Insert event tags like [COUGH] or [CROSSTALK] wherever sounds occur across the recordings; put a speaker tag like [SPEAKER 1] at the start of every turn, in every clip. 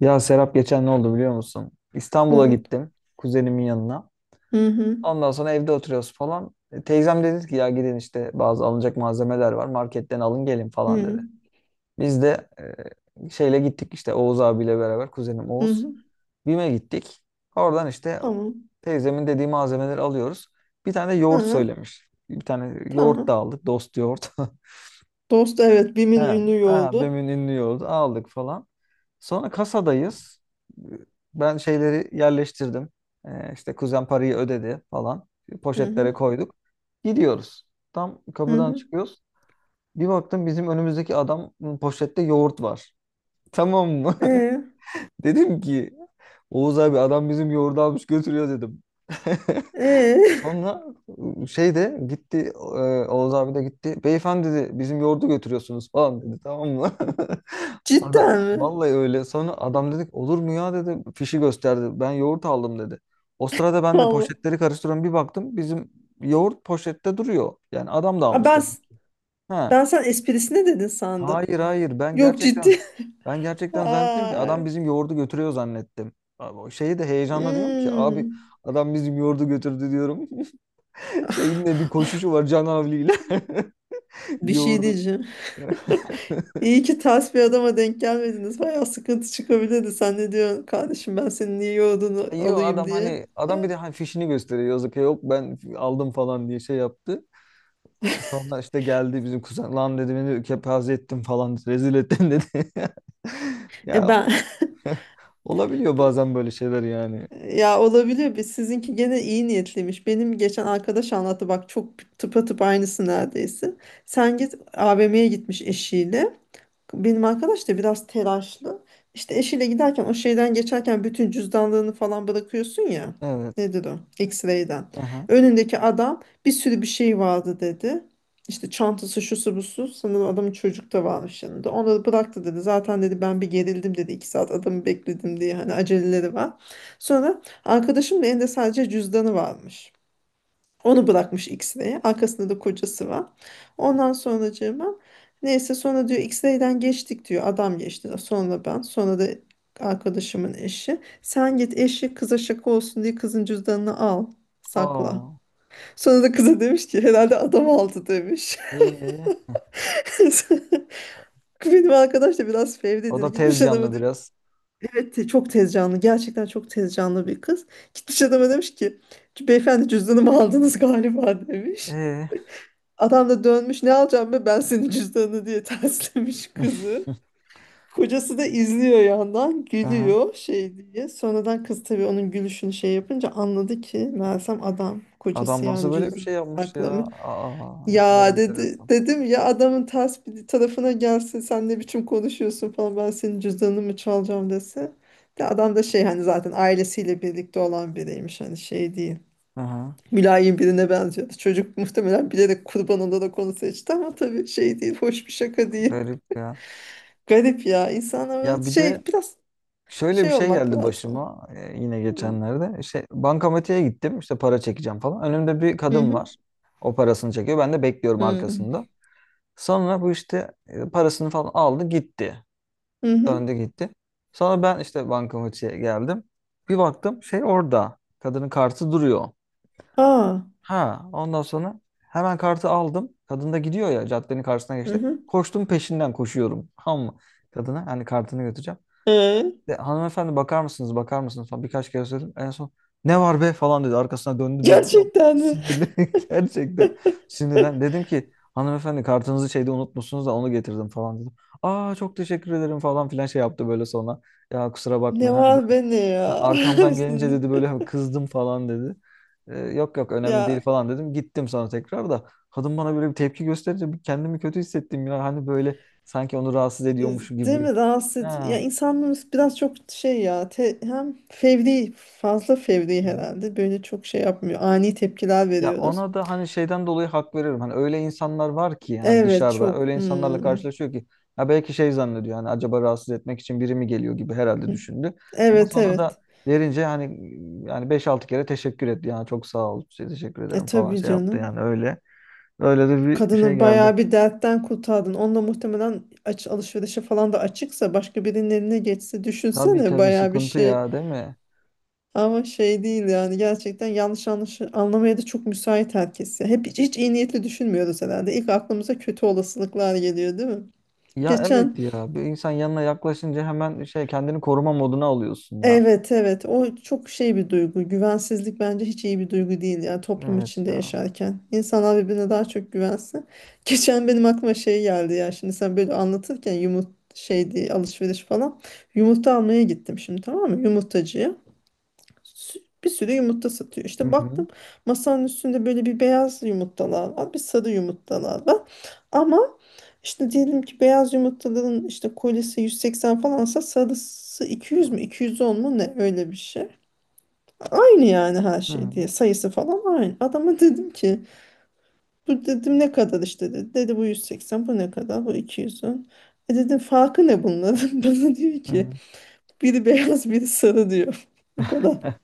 [SPEAKER 1] Ya Serap geçen ne oldu biliyor musun? İstanbul'a
[SPEAKER 2] Evet.
[SPEAKER 1] gittim kuzenimin yanına.
[SPEAKER 2] Hı hı.
[SPEAKER 1] Ondan sonra evde oturuyoruz falan. Teyzem dedi ki ya gidin işte bazı alınacak malzemeler var marketten alın gelin falan
[SPEAKER 2] Hı
[SPEAKER 1] dedi. Biz de şeyle gittik işte Oğuz abiyle beraber kuzenim Oğuz.
[SPEAKER 2] hı.
[SPEAKER 1] BİM'e gittik. Oradan işte
[SPEAKER 2] Tamam.
[SPEAKER 1] teyzemin dediği malzemeleri alıyoruz. Bir tane de yoğurt
[SPEAKER 2] Hı.
[SPEAKER 1] söylemiş. Bir tane yoğurt da
[SPEAKER 2] Tamam.
[SPEAKER 1] aldık dost yoğurt. [LAUGHS]
[SPEAKER 2] Dost, evet,
[SPEAKER 1] He,
[SPEAKER 2] BİM'in ünlü
[SPEAKER 1] he,
[SPEAKER 2] yoldu.
[SPEAKER 1] BEM'in ünlü yolu aldık falan. Sonra kasadayız. Ben şeyleri yerleştirdim. İşte kuzen parayı ödedi falan.
[SPEAKER 2] Hı
[SPEAKER 1] Poşetlere
[SPEAKER 2] hı.
[SPEAKER 1] koyduk. Gidiyoruz. Tam
[SPEAKER 2] Hı
[SPEAKER 1] kapıdan
[SPEAKER 2] hı.
[SPEAKER 1] çıkıyoruz. Bir baktım bizim önümüzdeki adam poşette yoğurt var. Tamam mı?
[SPEAKER 2] Ee,
[SPEAKER 1] [LAUGHS] Dedim ki Oğuz abi adam bizim yoğurdu almış götürüyor dedim. [LAUGHS]
[SPEAKER 2] ee.
[SPEAKER 1] Sonra şey de gitti Oğuz abi de gitti. Beyefendi dedi bizim yoğurdu götürüyorsunuz falan dedi tamam mı?
[SPEAKER 2] [LAUGHS]
[SPEAKER 1] [LAUGHS] Ada,
[SPEAKER 2] Cidden mi?
[SPEAKER 1] vallahi öyle. Sonra adam dedik olur mu ya dedi. Fişi gösterdi. Ben yoğurt aldım dedi. O sırada ben de
[SPEAKER 2] Allah.
[SPEAKER 1] poşetleri karıştırıyorum. Bir baktım bizim yoğurt poşette duruyor. Yani adam da
[SPEAKER 2] Aa,
[SPEAKER 1] almış
[SPEAKER 2] ben
[SPEAKER 1] demek ki. Ha.
[SPEAKER 2] ben sen esprisine dedin sandım.
[SPEAKER 1] Hayır hayır ben
[SPEAKER 2] Yok,
[SPEAKER 1] gerçekten
[SPEAKER 2] ciddi.
[SPEAKER 1] ben
[SPEAKER 2] [LAUGHS]
[SPEAKER 1] gerçekten zannettim ki adam
[SPEAKER 2] Ay.
[SPEAKER 1] bizim yoğurdu götürüyor zannettim. Abi, o şeyi de heyecanla diyorum ki abi
[SPEAKER 2] Hmm.
[SPEAKER 1] adam bizim yoğurdu götürdü diyorum. [LAUGHS] Şeyin de bir
[SPEAKER 2] [LAUGHS]
[SPEAKER 1] koşuşu var Can Havli'yle. [LAUGHS]
[SPEAKER 2] Bir şey
[SPEAKER 1] Yoğurdu.
[SPEAKER 2] diyeceğim. [LAUGHS]
[SPEAKER 1] [LAUGHS]
[SPEAKER 2] İyi ki ters bir adama denk gelmediniz. Bayağı sıkıntı çıkabilirdi. Sen ne diyorsun kardeşim, ben senin niye yoğurdunu
[SPEAKER 1] Yo
[SPEAKER 2] alayım
[SPEAKER 1] adam
[SPEAKER 2] diye.
[SPEAKER 1] hani adam bir de hani fişini gösteriyor yazık ya, yok ben aldım falan diye şey yaptı. Sonra işte geldi bizim kuzen lan dedi beni kepaze ettin falan rezil ettin dedi. [LAUGHS]
[SPEAKER 2] E
[SPEAKER 1] Ya
[SPEAKER 2] ben. [LAUGHS]
[SPEAKER 1] olabiliyor bazen böyle şeyler yani.
[SPEAKER 2] Ya, olabilir. Biz, sizinki gene iyi niyetliymiş. Benim geçen arkadaş anlattı, bak, çok tıpatıp aynısı neredeyse. Sen git AVM'ye gitmiş eşiyle. Benim arkadaş da biraz telaşlı. İşte eşiyle giderken o şeyden geçerken bütün cüzdanlarını falan bırakıyorsun ya.
[SPEAKER 1] Evet.
[SPEAKER 2] Nedir o? X-ray'den.
[SPEAKER 1] Aha.
[SPEAKER 2] Önündeki adam, bir sürü bir şey vardı dedi. İşte çantası, şusu busu. Sanırım adamın çocuk da varmış yanında. Onları bıraktı dedi. Zaten dedi ben bir gerildim dedi. İki saat adamı bekledim diye. Hani aceleleri var. Sonra arkadaşımın elinde sadece cüzdanı varmış. Onu bırakmış X-Ray'e. Arkasında da kocası var. Ondan sonracığıma, neyse, sonra diyor X-Ray'den geçtik diyor. Adam geçti. Sonra ben. Sonra da arkadaşımın eşi. Sen git eşi, kıza şaka olsun diye kızın cüzdanını al. Sakla.
[SPEAKER 1] Aa.
[SPEAKER 2] Sonra da kıza demiş ki herhalde adam aldı demiş.
[SPEAKER 1] Ee,
[SPEAKER 2] [LAUGHS] Benim arkadaş da biraz
[SPEAKER 1] O
[SPEAKER 2] fevridir.
[SPEAKER 1] da
[SPEAKER 2] Gitmiş
[SPEAKER 1] tez
[SPEAKER 2] adama
[SPEAKER 1] canlı
[SPEAKER 2] demiş.
[SPEAKER 1] biraz.
[SPEAKER 2] Evet, çok tez canlı. Gerçekten çok tez canlı bir kız. Gitmiş adama demiş ki beyefendi, cüzdanımı aldınız galiba demiş.
[SPEAKER 1] Ee.
[SPEAKER 2] Adam da dönmüş, ne alacağım be ben senin cüzdanını diye [LAUGHS] terslemiş
[SPEAKER 1] [LAUGHS]
[SPEAKER 2] kızı. Kocası da izliyor yandan
[SPEAKER 1] Aha.
[SPEAKER 2] gülüyor şey diye. Sonradan kız, tabii, onun gülüşünü şey yapınca anladı ki Mersem adam
[SPEAKER 1] Adam
[SPEAKER 2] kocası
[SPEAKER 1] nasıl
[SPEAKER 2] yani
[SPEAKER 1] böyle bir
[SPEAKER 2] cüzdanı
[SPEAKER 1] şey yapmış ya?
[SPEAKER 2] saklamış.
[SPEAKER 1] Aa, ne kadar
[SPEAKER 2] Ya dedi,
[SPEAKER 1] enteresan.
[SPEAKER 2] dedim ya adamın ters bir tarafına gelse sen ne biçim konuşuyorsun falan, ben senin cüzdanını mı çalacağım dese. De adam da şey, hani zaten ailesiyle birlikte olan biriymiş, hani şey değil.
[SPEAKER 1] Aha,
[SPEAKER 2] Mülayim birine benziyordu. Çocuk muhtemelen bilerek kurban olarak onu seçti ama tabii şey değil, hoş bir şaka değil.
[SPEAKER 1] garip ya.
[SPEAKER 2] Garip ya. İnsanlar böyle
[SPEAKER 1] Ya bir de
[SPEAKER 2] şey biraz
[SPEAKER 1] şöyle bir
[SPEAKER 2] şey
[SPEAKER 1] şey
[SPEAKER 2] olmak
[SPEAKER 1] geldi
[SPEAKER 2] lazım.
[SPEAKER 1] başıma yine geçenlerde. İşte bankamatiğe gittim işte para çekeceğim falan. Önümde bir
[SPEAKER 2] Hı
[SPEAKER 1] kadın
[SPEAKER 2] hı.
[SPEAKER 1] var. O parasını çekiyor. Ben de bekliyorum
[SPEAKER 2] Hı
[SPEAKER 1] arkasında. Sonra bu işte parasını falan aldı gitti.
[SPEAKER 2] hı. Hı.
[SPEAKER 1] Döndü gitti. Sonra ben işte bankamatiğe geldim. Bir baktım şey orada. Kadının kartı duruyor.
[SPEAKER 2] Aa.
[SPEAKER 1] Ha, ondan sonra hemen kartı aldım. Kadın da gidiyor ya caddenin karşısına
[SPEAKER 2] Hı
[SPEAKER 1] geçti.
[SPEAKER 2] hı.
[SPEAKER 1] Koştum peşinden koşuyorum. [LAUGHS] Ama kadına hani kartını götüreceğim.
[SPEAKER 2] Ee,
[SPEAKER 1] Hanımefendi bakar mısınız bakar mısınız falan birkaç kere söyledim. En son ne var be falan dedi. Arkasına döndü böyle. Tam
[SPEAKER 2] gerçekten mi?
[SPEAKER 1] sinirli [LAUGHS] gerçekten sinirlen. Dedim ki hanımefendi kartınızı şeyde unutmuşsunuz da onu getirdim falan dedim. Aa çok teşekkür ederim falan filan şey yaptı böyle sonra. Ya kusura
[SPEAKER 2] Ne
[SPEAKER 1] bakmayın hani.
[SPEAKER 2] var be ne
[SPEAKER 1] Ha,
[SPEAKER 2] ya?
[SPEAKER 1] arkamdan gelince dedi böyle hani
[SPEAKER 2] [LAUGHS]
[SPEAKER 1] kızdım falan dedi. Yok yok önemli değil
[SPEAKER 2] Ya,
[SPEAKER 1] falan dedim. Gittim sonra tekrar da kadın bana böyle bir tepki gösterince bir kendimi kötü hissettim ya. Hani böyle sanki onu rahatsız
[SPEAKER 2] e,
[SPEAKER 1] ediyormuş
[SPEAKER 2] değil
[SPEAKER 1] gibi.
[SPEAKER 2] mi rahatsız edici- Ya
[SPEAKER 1] Ha.
[SPEAKER 2] insanlarımız biraz çok şey ya, hem fevri, fazla fevri
[SPEAKER 1] Hı.
[SPEAKER 2] herhalde, böyle çok şey yapmıyor. Ani tepkiler
[SPEAKER 1] Ya
[SPEAKER 2] veriyoruz.
[SPEAKER 1] ona da hani şeyden dolayı hak veriyorum. Hani öyle insanlar var ki hani
[SPEAKER 2] Evet,
[SPEAKER 1] dışarıda öyle
[SPEAKER 2] çok.
[SPEAKER 1] insanlarla
[SPEAKER 2] Hmm.
[SPEAKER 1] karşılaşıyor ki ya belki şey zannediyor hani acaba rahatsız etmek için biri mi geliyor gibi herhalde düşündü. Ama
[SPEAKER 2] Evet,
[SPEAKER 1] sonra da
[SPEAKER 2] evet.
[SPEAKER 1] verince hani yani beş altı kere teşekkür etti. Yani çok sağ ol, şey, teşekkür
[SPEAKER 2] E
[SPEAKER 1] ederim falan
[SPEAKER 2] tabii
[SPEAKER 1] şey yaptı
[SPEAKER 2] canım.
[SPEAKER 1] yani öyle. Öyle de bir şey
[SPEAKER 2] Kadını bayağı
[SPEAKER 1] geldi.
[SPEAKER 2] bir dertten kurtardın. Onunla muhtemelen aç alışverişe falan da açıksa, başka birinin eline geçse
[SPEAKER 1] Tabii
[SPEAKER 2] düşünsene
[SPEAKER 1] tabii
[SPEAKER 2] bayağı bir
[SPEAKER 1] sıkıntı
[SPEAKER 2] şey.
[SPEAKER 1] ya değil mi?
[SPEAKER 2] Ama şey değil yani, gerçekten yanlış anlamaya da çok müsait herkes. Ya. Hep hiç iyi niyetli düşünmüyoruz herhalde. İlk aklımıza kötü olasılıklar geliyor değil mi?
[SPEAKER 1] Ya evet
[SPEAKER 2] Geçen.
[SPEAKER 1] ya bir insan yanına yaklaşınca hemen şey kendini koruma moduna alıyorsun ya.
[SPEAKER 2] Evet, evet, o çok şey bir duygu, güvensizlik, bence hiç iyi bir duygu değil ya, toplum
[SPEAKER 1] Evet
[SPEAKER 2] içinde
[SPEAKER 1] ya.
[SPEAKER 2] yaşarken insanlar birbirine daha çok güvensin. [LAUGHS] Geçen benim aklıma şey geldi ya, şimdi sen böyle anlatırken, şey diye, alışveriş falan, yumurta almaya gittim şimdi, tamam mı, yumurtacıya. Bir sürü yumurta satıyor
[SPEAKER 1] Hı
[SPEAKER 2] işte,
[SPEAKER 1] hı.
[SPEAKER 2] baktım masanın üstünde böyle bir beyaz yumurtalar var, bir sarı yumurtalar var ama işte diyelim ki beyaz yumurtaların işte kolisi 180 falansa, sarısı 200 mü, 210 mu, ne, öyle bir şey. Aynı yani, her
[SPEAKER 1] Hı
[SPEAKER 2] şey
[SPEAKER 1] hı.
[SPEAKER 2] diye sayısı falan aynı. Adama dedim ki, bu dedim ne kadar, işte dedi. Dedi bu 180, bu ne kadar, bu 210. E dedim farkı ne bunların? [LAUGHS] Bana diyor
[SPEAKER 1] Hı
[SPEAKER 2] ki
[SPEAKER 1] hı.
[SPEAKER 2] biri beyaz biri sarı diyor. [LAUGHS] Bu kadar.
[SPEAKER 1] [LAUGHS]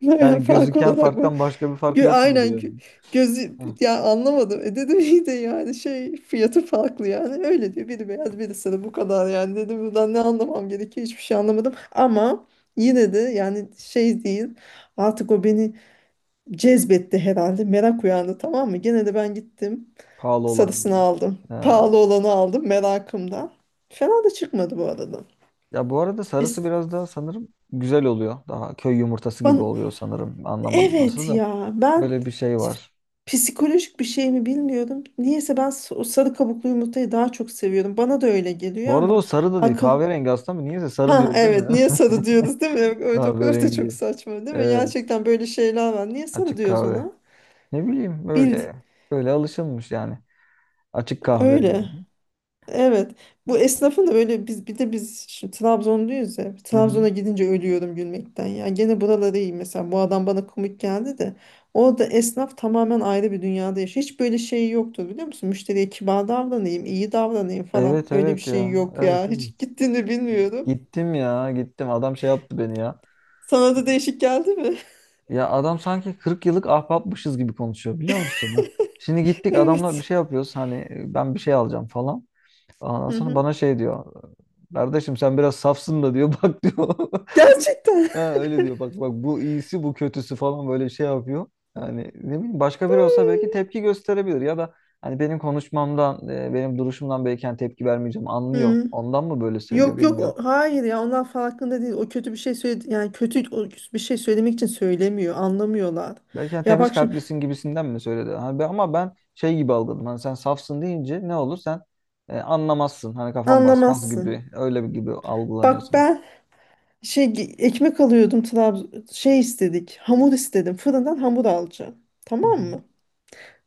[SPEAKER 2] Yani
[SPEAKER 1] Yani
[SPEAKER 2] fark
[SPEAKER 1] gözüken
[SPEAKER 2] olarak bu.
[SPEAKER 1] farktan başka bir fark
[SPEAKER 2] Gö-
[SPEAKER 1] yok mu
[SPEAKER 2] aynen
[SPEAKER 1] diyor.
[SPEAKER 2] gözü
[SPEAKER 1] Heh,
[SPEAKER 2] ya, anlamadım. E dedim iyi de yani, şey, fiyatı farklı yani. Öyle diyor. Biri beyaz biri sarı, bu kadar yani. Dedim buradan ne anlamam gerekiyor, hiçbir şey anlamadım. Ama yine de yani şey değil. Artık o beni cezbetti herhalde. Merak uyandı, tamam mı? Gene de ben gittim.
[SPEAKER 1] pahalı olan.
[SPEAKER 2] Sarısını aldım.
[SPEAKER 1] Ha.
[SPEAKER 2] Pahalı olanı aldım merakımdan. Fena da çıkmadı bu arada.
[SPEAKER 1] Ya bu arada
[SPEAKER 2] Es-
[SPEAKER 1] sarısı biraz daha sanırım güzel oluyor. Daha köy yumurtası gibi
[SPEAKER 2] bana,
[SPEAKER 1] oluyor sanırım. Anlamadım nasıl
[SPEAKER 2] Evet
[SPEAKER 1] da.
[SPEAKER 2] ya, ben
[SPEAKER 1] Böyle bir şey var.
[SPEAKER 2] psikolojik bir şey mi bilmiyorum. Niyeyse ben o sarı kabuklu yumurtayı daha çok seviyorum. Bana da öyle geliyor
[SPEAKER 1] Bu arada o
[SPEAKER 2] ama
[SPEAKER 1] sarı da değil.
[SPEAKER 2] akıl...
[SPEAKER 1] Kahverengi aslında mı? Niyeyse sarı
[SPEAKER 2] Ha
[SPEAKER 1] diyoruz değil
[SPEAKER 2] evet, niye
[SPEAKER 1] mi?
[SPEAKER 2] sarı diyoruz değil mi?
[SPEAKER 1] [LAUGHS]
[SPEAKER 2] Evet, evet, o kadar da çok
[SPEAKER 1] Kahverengi.
[SPEAKER 2] saçma değil mi?
[SPEAKER 1] Evet.
[SPEAKER 2] Gerçekten böyle şeyler var. Niye sarı
[SPEAKER 1] Açık
[SPEAKER 2] diyoruz
[SPEAKER 1] kahve.
[SPEAKER 2] ona?
[SPEAKER 1] Ne bileyim
[SPEAKER 2] Bil
[SPEAKER 1] böyle. Böyle alışılmış yani. Açık kahve.
[SPEAKER 2] öyle. Evet. Bu esnafın da böyle, biz bir de biz şimdi Trabzonluyuz ya.
[SPEAKER 1] Hı hı.
[SPEAKER 2] Trabzon'a gidince ölüyorum gülmekten. Ya gene buraları iyi mesela. Bu adam bana komik geldi de. Orada esnaf tamamen ayrı bir dünyada yaşıyor. Hiç böyle şey yoktu biliyor musun? Müşteriye kibar davranayım, iyi davranayım falan.
[SPEAKER 1] Evet
[SPEAKER 2] Öyle bir
[SPEAKER 1] evet
[SPEAKER 2] şey
[SPEAKER 1] ya.
[SPEAKER 2] yok
[SPEAKER 1] Evet
[SPEAKER 2] ya. [LAUGHS] Hiç
[SPEAKER 1] evet.
[SPEAKER 2] gittiğini bilmiyorum.
[SPEAKER 1] Gittim ya gittim. Adam şey yaptı beni ya.
[SPEAKER 2] Sana da değişik geldi mi? [LAUGHS]
[SPEAKER 1] Ya adam sanki 40 yıllık ahbapmışız gibi konuşuyor biliyor musun? Ha. Şimdi gittik adamla bir
[SPEAKER 2] Evet.
[SPEAKER 1] şey yapıyoruz. Hani ben bir şey alacağım falan. Ondan
[SPEAKER 2] Hı
[SPEAKER 1] sonra
[SPEAKER 2] hı.
[SPEAKER 1] bana şey diyor. Kardeşim sen biraz safsın da diyor. [LAUGHS] Bak diyor.
[SPEAKER 2] Gerçekten.
[SPEAKER 1] Ha, öyle diyor. Bak bak bu iyisi bu kötüsü falan böyle şey yapıyor. Yani ne bileyim başka biri olsa belki
[SPEAKER 2] [LAUGHS]
[SPEAKER 1] tepki gösterebilir ya da hani benim konuşmamdan, benim duruşumdan belki hani tepki vermeyeceğim anlıyor.
[SPEAKER 2] Hı.
[SPEAKER 1] Ondan mı böyle söylüyor
[SPEAKER 2] Yok, yok,
[SPEAKER 1] bilmiyorum.
[SPEAKER 2] hayır ya, onlar farkında değil. O kötü bir şey söyledi yani, kötü bir şey söylemek için söylemiyor. Anlamıyorlar.
[SPEAKER 1] Belki hani
[SPEAKER 2] Ya
[SPEAKER 1] temiz
[SPEAKER 2] bak şimdi,
[SPEAKER 1] kalplisin gibisinden mi söyledi? Hani ben, ama ben şey gibi algıladım. Hani sen safsın deyince ne olur sen anlamazsın. Hani kafan basmaz
[SPEAKER 2] anlamazsın.
[SPEAKER 1] gibi öyle bir gibi
[SPEAKER 2] Bak
[SPEAKER 1] algılanıyorsun.
[SPEAKER 2] ben ekmek alıyordum Trabzon, şey istedik. Hamur istedim. Fırından hamur alacağım.
[SPEAKER 1] Hı
[SPEAKER 2] Tamam
[SPEAKER 1] hı.
[SPEAKER 2] mı?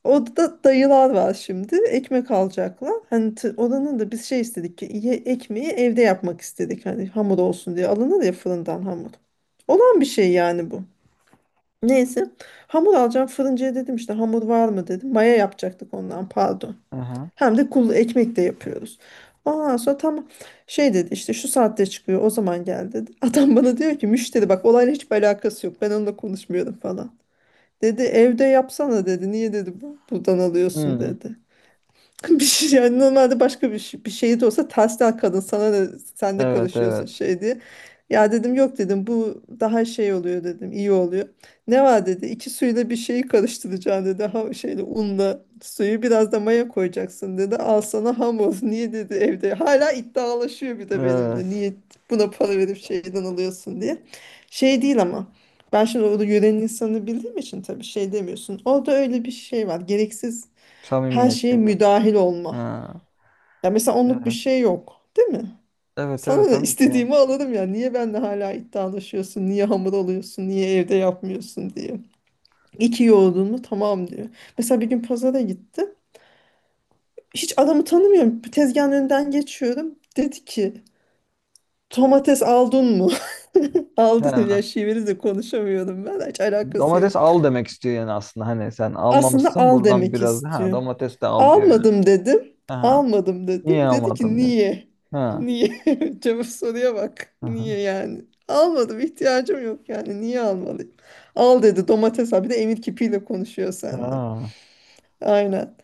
[SPEAKER 2] Orada dayılar var şimdi. Ekmek alacaklar. Hani, oranın da biz şey istedik ki, ekmeği evde yapmak istedik. Hani hamur olsun diye alınır ya, fırından hamur. Olan bir şey yani bu. Neyse. Hamur alacağım. Fırıncıya dedim, işte hamur var mı dedim. Maya yapacaktık, ondan pardon.
[SPEAKER 1] Aha.
[SPEAKER 2] Hem de kul ekmek de yapıyoruz. Ondan sonra tam şey dedi, işte şu saatte çıkıyor o zaman gel dedi. [LAUGHS] Adam bana diyor ki, müşteri bak, olayla hiçbir alakası yok. Ben onunla konuşmuyorum falan. Dedi evde yapsana dedi. Niye dedi bu buradan alıyorsun
[SPEAKER 1] Hmm.
[SPEAKER 2] dedi. [LAUGHS] Bir şey yani, normalde başka bir, şey, bir şey de olsa tersten, kadın sana ne, sen ne
[SPEAKER 1] Evet
[SPEAKER 2] karışıyorsun
[SPEAKER 1] evet.
[SPEAKER 2] şey diye. Ya dedim yok dedim, bu daha şey oluyor dedim, iyi oluyor. Ne var dedi, iki suyla bir şeyi karıştıracaksın dedi, ha şeyle, unla suyu biraz da maya koyacaksın dedi. Al sana hamur. [LAUGHS] Niye dedi evde, hala iddialaşıyor bir de benimle,
[SPEAKER 1] Evet.
[SPEAKER 2] niye buna para verip şeyden alıyorsun diye. Şey değil ama ben şimdi orada yörenin insanını bildiğim için tabii şey demiyorsun. Orada öyle bir şey var, gereksiz her
[SPEAKER 1] Samimiyet
[SPEAKER 2] şeye
[SPEAKER 1] gibi.
[SPEAKER 2] müdahil olma.
[SPEAKER 1] Ha.
[SPEAKER 2] Ya mesela onluk bir
[SPEAKER 1] Evet.
[SPEAKER 2] şey yok, değil mi?
[SPEAKER 1] Evet evet
[SPEAKER 2] Sana da
[SPEAKER 1] tabii ki.
[SPEAKER 2] istediğimi alırım ya. Niye benimle hala iddialaşıyorsun? Niye hamur alıyorsun? Niye evde yapmıyorsun diye. İki yoğurdun mu? Tamam diyor. Mesela bir gün pazara gittim. Hiç adamı tanımıyorum. Tezgahın önünden geçiyorum. Dedi ki domates aldın mı? [LAUGHS] Aldın ya
[SPEAKER 1] Ha.
[SPEAKER 2] şiveri de konuşamıyorum ben. Hiç alakası yok.
[SPEAKER 1] Domates al demek istiyor yani aslında. Hani sen
[SPEAKER 2] Aslında
[SPEAKER 1] almamışsın
[SPEAKER 2] al
[SPEAKER 1] buradan
[SPEAKER 2] demek
[SPEAKER 1] biraz ha
[SPEAKER 2] istiyor.
[SPEAKER 1] domates de al diyor yani.
[SPEAKER 2] Almadım dedim.
[SPEAKER 1] Aha.
[SPEAKER 2] Almadım dedim.
[SPEAKER 1] Niye
[SPEAKER 2] Dedi ki
[SPEAKER 1] almadın diyor.
[SPEAKER 2] niye?
[SPEAKER 1] Ha.
[SPEAKER 2] Niye? [LAUGHS] Cevap soruya bak. Niye
[SPEAKER 1] Aha.
[SPEAKER 2] yani? Almadım, ihtiyacım yok yani. Niye almalıyım? Al dedi domates abi de, emir kipiyle konuşuyor seninle.
[SPEAKER 1] Ha.
[SPEAKER 2] Aynen.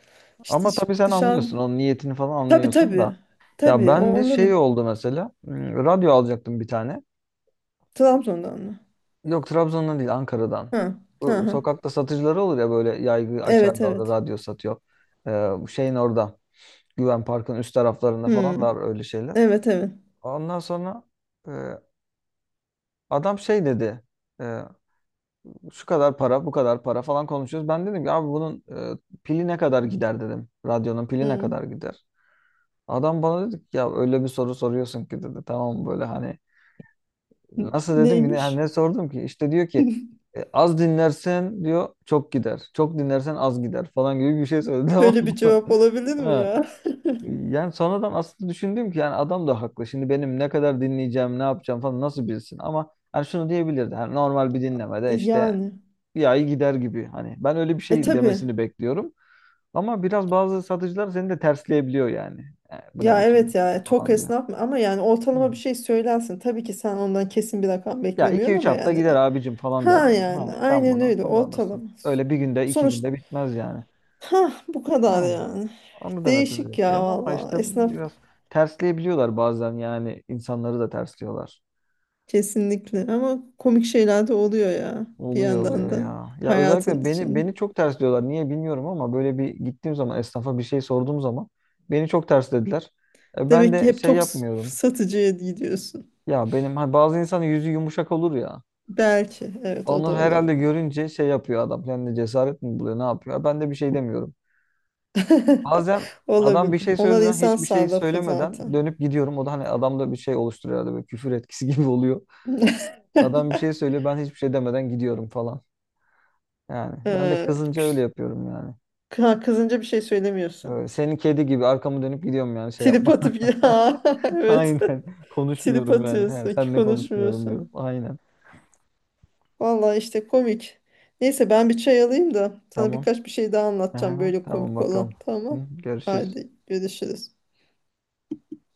[SPEAKER 2] İşte
[SPEAKER 1] Ama tabii sen
[SPEAKER 2] dışarı...
[SPEAKER 1] anlıyorsun. Onun niyetini falan
[SPEAKER 2] Tabii,
[SPEAKER 1] anlıyorsun
[SPEAKER 2] tabii.
[SPEAKER 1] da. Ya
[SPEAKER 2] Tabii o
[SPEAKER 1] ben de şey
[SPEAKER 2] onların.
[SPEAKER 1] oldu mesela. Radyo alacaktım bir tane.
[SPEAKER 2] Trabzon'dan mı?
[SPEAKER 1] Yok Trabzon'dan değil Ankara'dan.
[SPEAKER 2] Ha, ha,
[SPEAKER 1] Bu
[SPEAKER 2] ha.
[SPEAKER 1] sokakta satıcıları olur ya böyle yaygı
[SPEAKER 2] Evet,
[SPEAKER 1] açarlar da
[SPEAKER 2] evet.
[SPEAKER 1] radyo satıyor. Ee, Bu şeyin orada. Güven Park'ın üst taraflarında falan
[SPEAKER 2] Hmm.
[SPEAKER 1] var öyle şeyler.
[SPEAKER 2] Evet, evet.
[SPEAKER 1] Ondan sonra e, adam şey dedi. e, Şu kadar para, bu kadar para falan konuşuyoruz. Ben dedim ki abi bunun pili ne kadar gider dedim. Radyonun pili ne kadar
[SPEAKER 2] Hmm.
[SPEAKER 1] gider? Adam bana dedi ki ya öyle bir soru soruyorsun ki dedi. Tamam böyle hani nasıl dedim ki ne, yani
[SPEAKER 2] Neymiş?
[SPEAKER 1] ne sordum ki? İşte diyor ki
[SPEAKER 2] [LAUGHS]
[SPEAKER 1] Az dinlersen diyor çok gider. Çok dinlersen az gider falan gibi bir şey söyledi [LAUGHS] tamam
[SPEAKER 2] Böyle bir
[SPEAKER 1] mı?
[SPEAKER 2] cevap olabilir mi
[SPEAKER 1] Ha.
[SPEAKER 2] ya?
[SPEAKER 1] Yani sonradan aslında düşündüm ki yani adam da haklı. Şimdi benim ne kadar dinleyeceğim, ne yapacağım falan nasıl bilsin? Ama hani şunu diyebilirdi. Hani normal bir
[SPEAKER 2] E,
[SPEAKER 1] dinlemede işte
[SPEAKER 2] yani.
[SPEAKER 1] bir ay gider gibi. Hani ben öyle bir
[SPEAKER 2] E
[SPEAKER 1] şey
[SPEAKER 2] tabii.
[SPEAKER 1] demesini bekliyorum. Ama biraz bazı satıcılar seni de tersleyebiliyor yani. E, bu ne
[SPEAKER 2] Ya,
[SPEAKER 1] biçim bir
[SPEAKER 2] evet
[SPEAKER 1] soru
[SPEAKER 2] ya, tok
[SPEAKER 1] falan diyor.
[SPEAKER 2] esnaf mı ama, yani ortalama
[SPEAKER 1] Hı.
[SPEAKER 2] bir şey söylersin. Tabii ki sen ondan kesin bir rakam
[SPEAKER 1] Ya iki
[SPEAKER 2] beklemiyorsun
[SPEAKER 1] üç
[SPEAKER 2] ama
[SPEAKER 1] hafta
[SPEAKER 2] yani,
[SPEAKER 1] gider abicim falan der
[SPEAKER 2] ha
[SPEAKER 1] yani.
[SPEAKER 2] yani
[SPEAKER 1] Ha, sen
[SPEAKER 2] aynen
[SPEAKER 1] bunu
[SPEAKER 2] öyle
[SPEAKER 1] kullanırsın.
[SPEAKER 2] ortalama.
[SPEAKER 1] Öyle bir günde iki
[SPEAKER 2] Sonuç,
[SPEAKER 1] günde bitmez yani.
[SPEAKER 2] ha bu kadar
[SPEAKER 1] Ha.
[SPEAKER 2] yani.
[SPEAKER 1] Onu demesi de
[SPEAKER 2] Değişik ya,
[SPEAKER 1] bekliyorum ama
[SPEAKER 2] valla
[SPEAKER 1] işte
[SPEAKER 2] esnaf
[SPEAKER 1] biraz tersleyebiliyorlar bazen yani insanları da tersliyorlar.
[SPEAKER 2] kesinlikle, ama komik şeyler de oluyor ya, bir
[SPEAKER 1] Oluyor
[SPEAKER 2] yandan
[SPEAKER 1] oluyor
[SPEAKER 2] da
[SPEAKER 1] ya. Ya
[SPEAKER 2] hayatın
[SPEAKER 1] özellikle beni
[SPEAKER 2] içinde.
[SPEAKER 1] beni çok ters diyorlar. Niye bilmiyorum ama böyle bir gittiğim zaman esnafa bir şey sorduğum zaman beni çok ters dediler. E, ben
[SPEAKER 2] Demek ki
[SPEAKER 1] de
[SPEAKER 2] hep
[SPEAKER 1] şey
[SPEAKER 2] tok
[SPEAKER 1] yapmıyorum.
[SPEAKER 2] satıcıya gidiyorsun.
[SPEAKER 1] Ya benim hani bazı insanın yüzü yumuşak olur ya.
[SPEAKER 2] Belki, evet, o
[SPEAKER 1] Onu
[SPEAKER 2] da olabilir.
[SPEAKER 1] herhalde görünce şey yapıyor adam. Kendine cesaret mi buluyor, ne yapıyor? Ben de bir şey demiyorum.
[SPEAKER 2] [LAUGHS]
[SPEAKER 1] Bazen adam
[SPEAKER 2] Olabilir.
[SPEAKER 1] bir şey
[SPEAKER 2] Onlar
[SPEAKER 1] söylediği zaman
[SPEAKER 2] insan
[SPEAKER 1] hiçbir şey
[SPEAKER 2] sarrafı
[SPEAKER 1] söylemeden
[SPEAKER 2] zaten.
[SPEAKER 1] dönüp gidiyorum. O da hani adamda bir şey oluşturuyor herhalde böyle küfür etkisi [LAUGHS] gibi oluyor.
[SPEAKER 2] [LAUGHS]
[SPEAKER 1] Adam bir şey söylüyor ben hiçbir şey demeden gidiyorum falan. Yani ben de
[SPEAKER 2] Ee,
[SPEAKER 1] kızınca öyle yapıyorum yani.
[SPEAKER 2] Kızınca bir şey söylemiyorsun.
[SPEAKER 1] Senin kedi gibi arkamı dönüp gidiyorum yani şey
[SPEAKER 2] Trip
[SPEAKER 1] yapma.
[SPEAKER 2] atıp [LAUGHS] ya,
[SPEAKER 1] [LAUGHS]
[SPEAKER 2] evet.
[SPEAKER 1] Aynen.
[SPEAKER 2] Trip
[SPEAKER 1] Konuşmuyorum yani. He,
[SPEAKER 2] atıyorsun,
[SPEAKER 1] senle konuşmuyorum diyorum.
[SPEAKER 2] konuşmuyorsun.
[SPEAKER 1] Aynen.
[SPEAKER 2] Vallahi işte komik. Neyse ben bir çay alayım da sana
[SPEAKER 1] Tamam.
[SPEAKER 2] birkaç bir şey daha anlatacağım
[SPEAKER 1] Aha,
[SPEAKER 2] böyle
[SPEAKER 1] tamam
[SPEAKER 2] komik olan.
[SPEAKER 1] bakalım. Hı,
[SPEAKER 2] Tamam.
[SPEAKER 1] görüşürüz.
[SPEAKER 2] Hadi görüşürüz.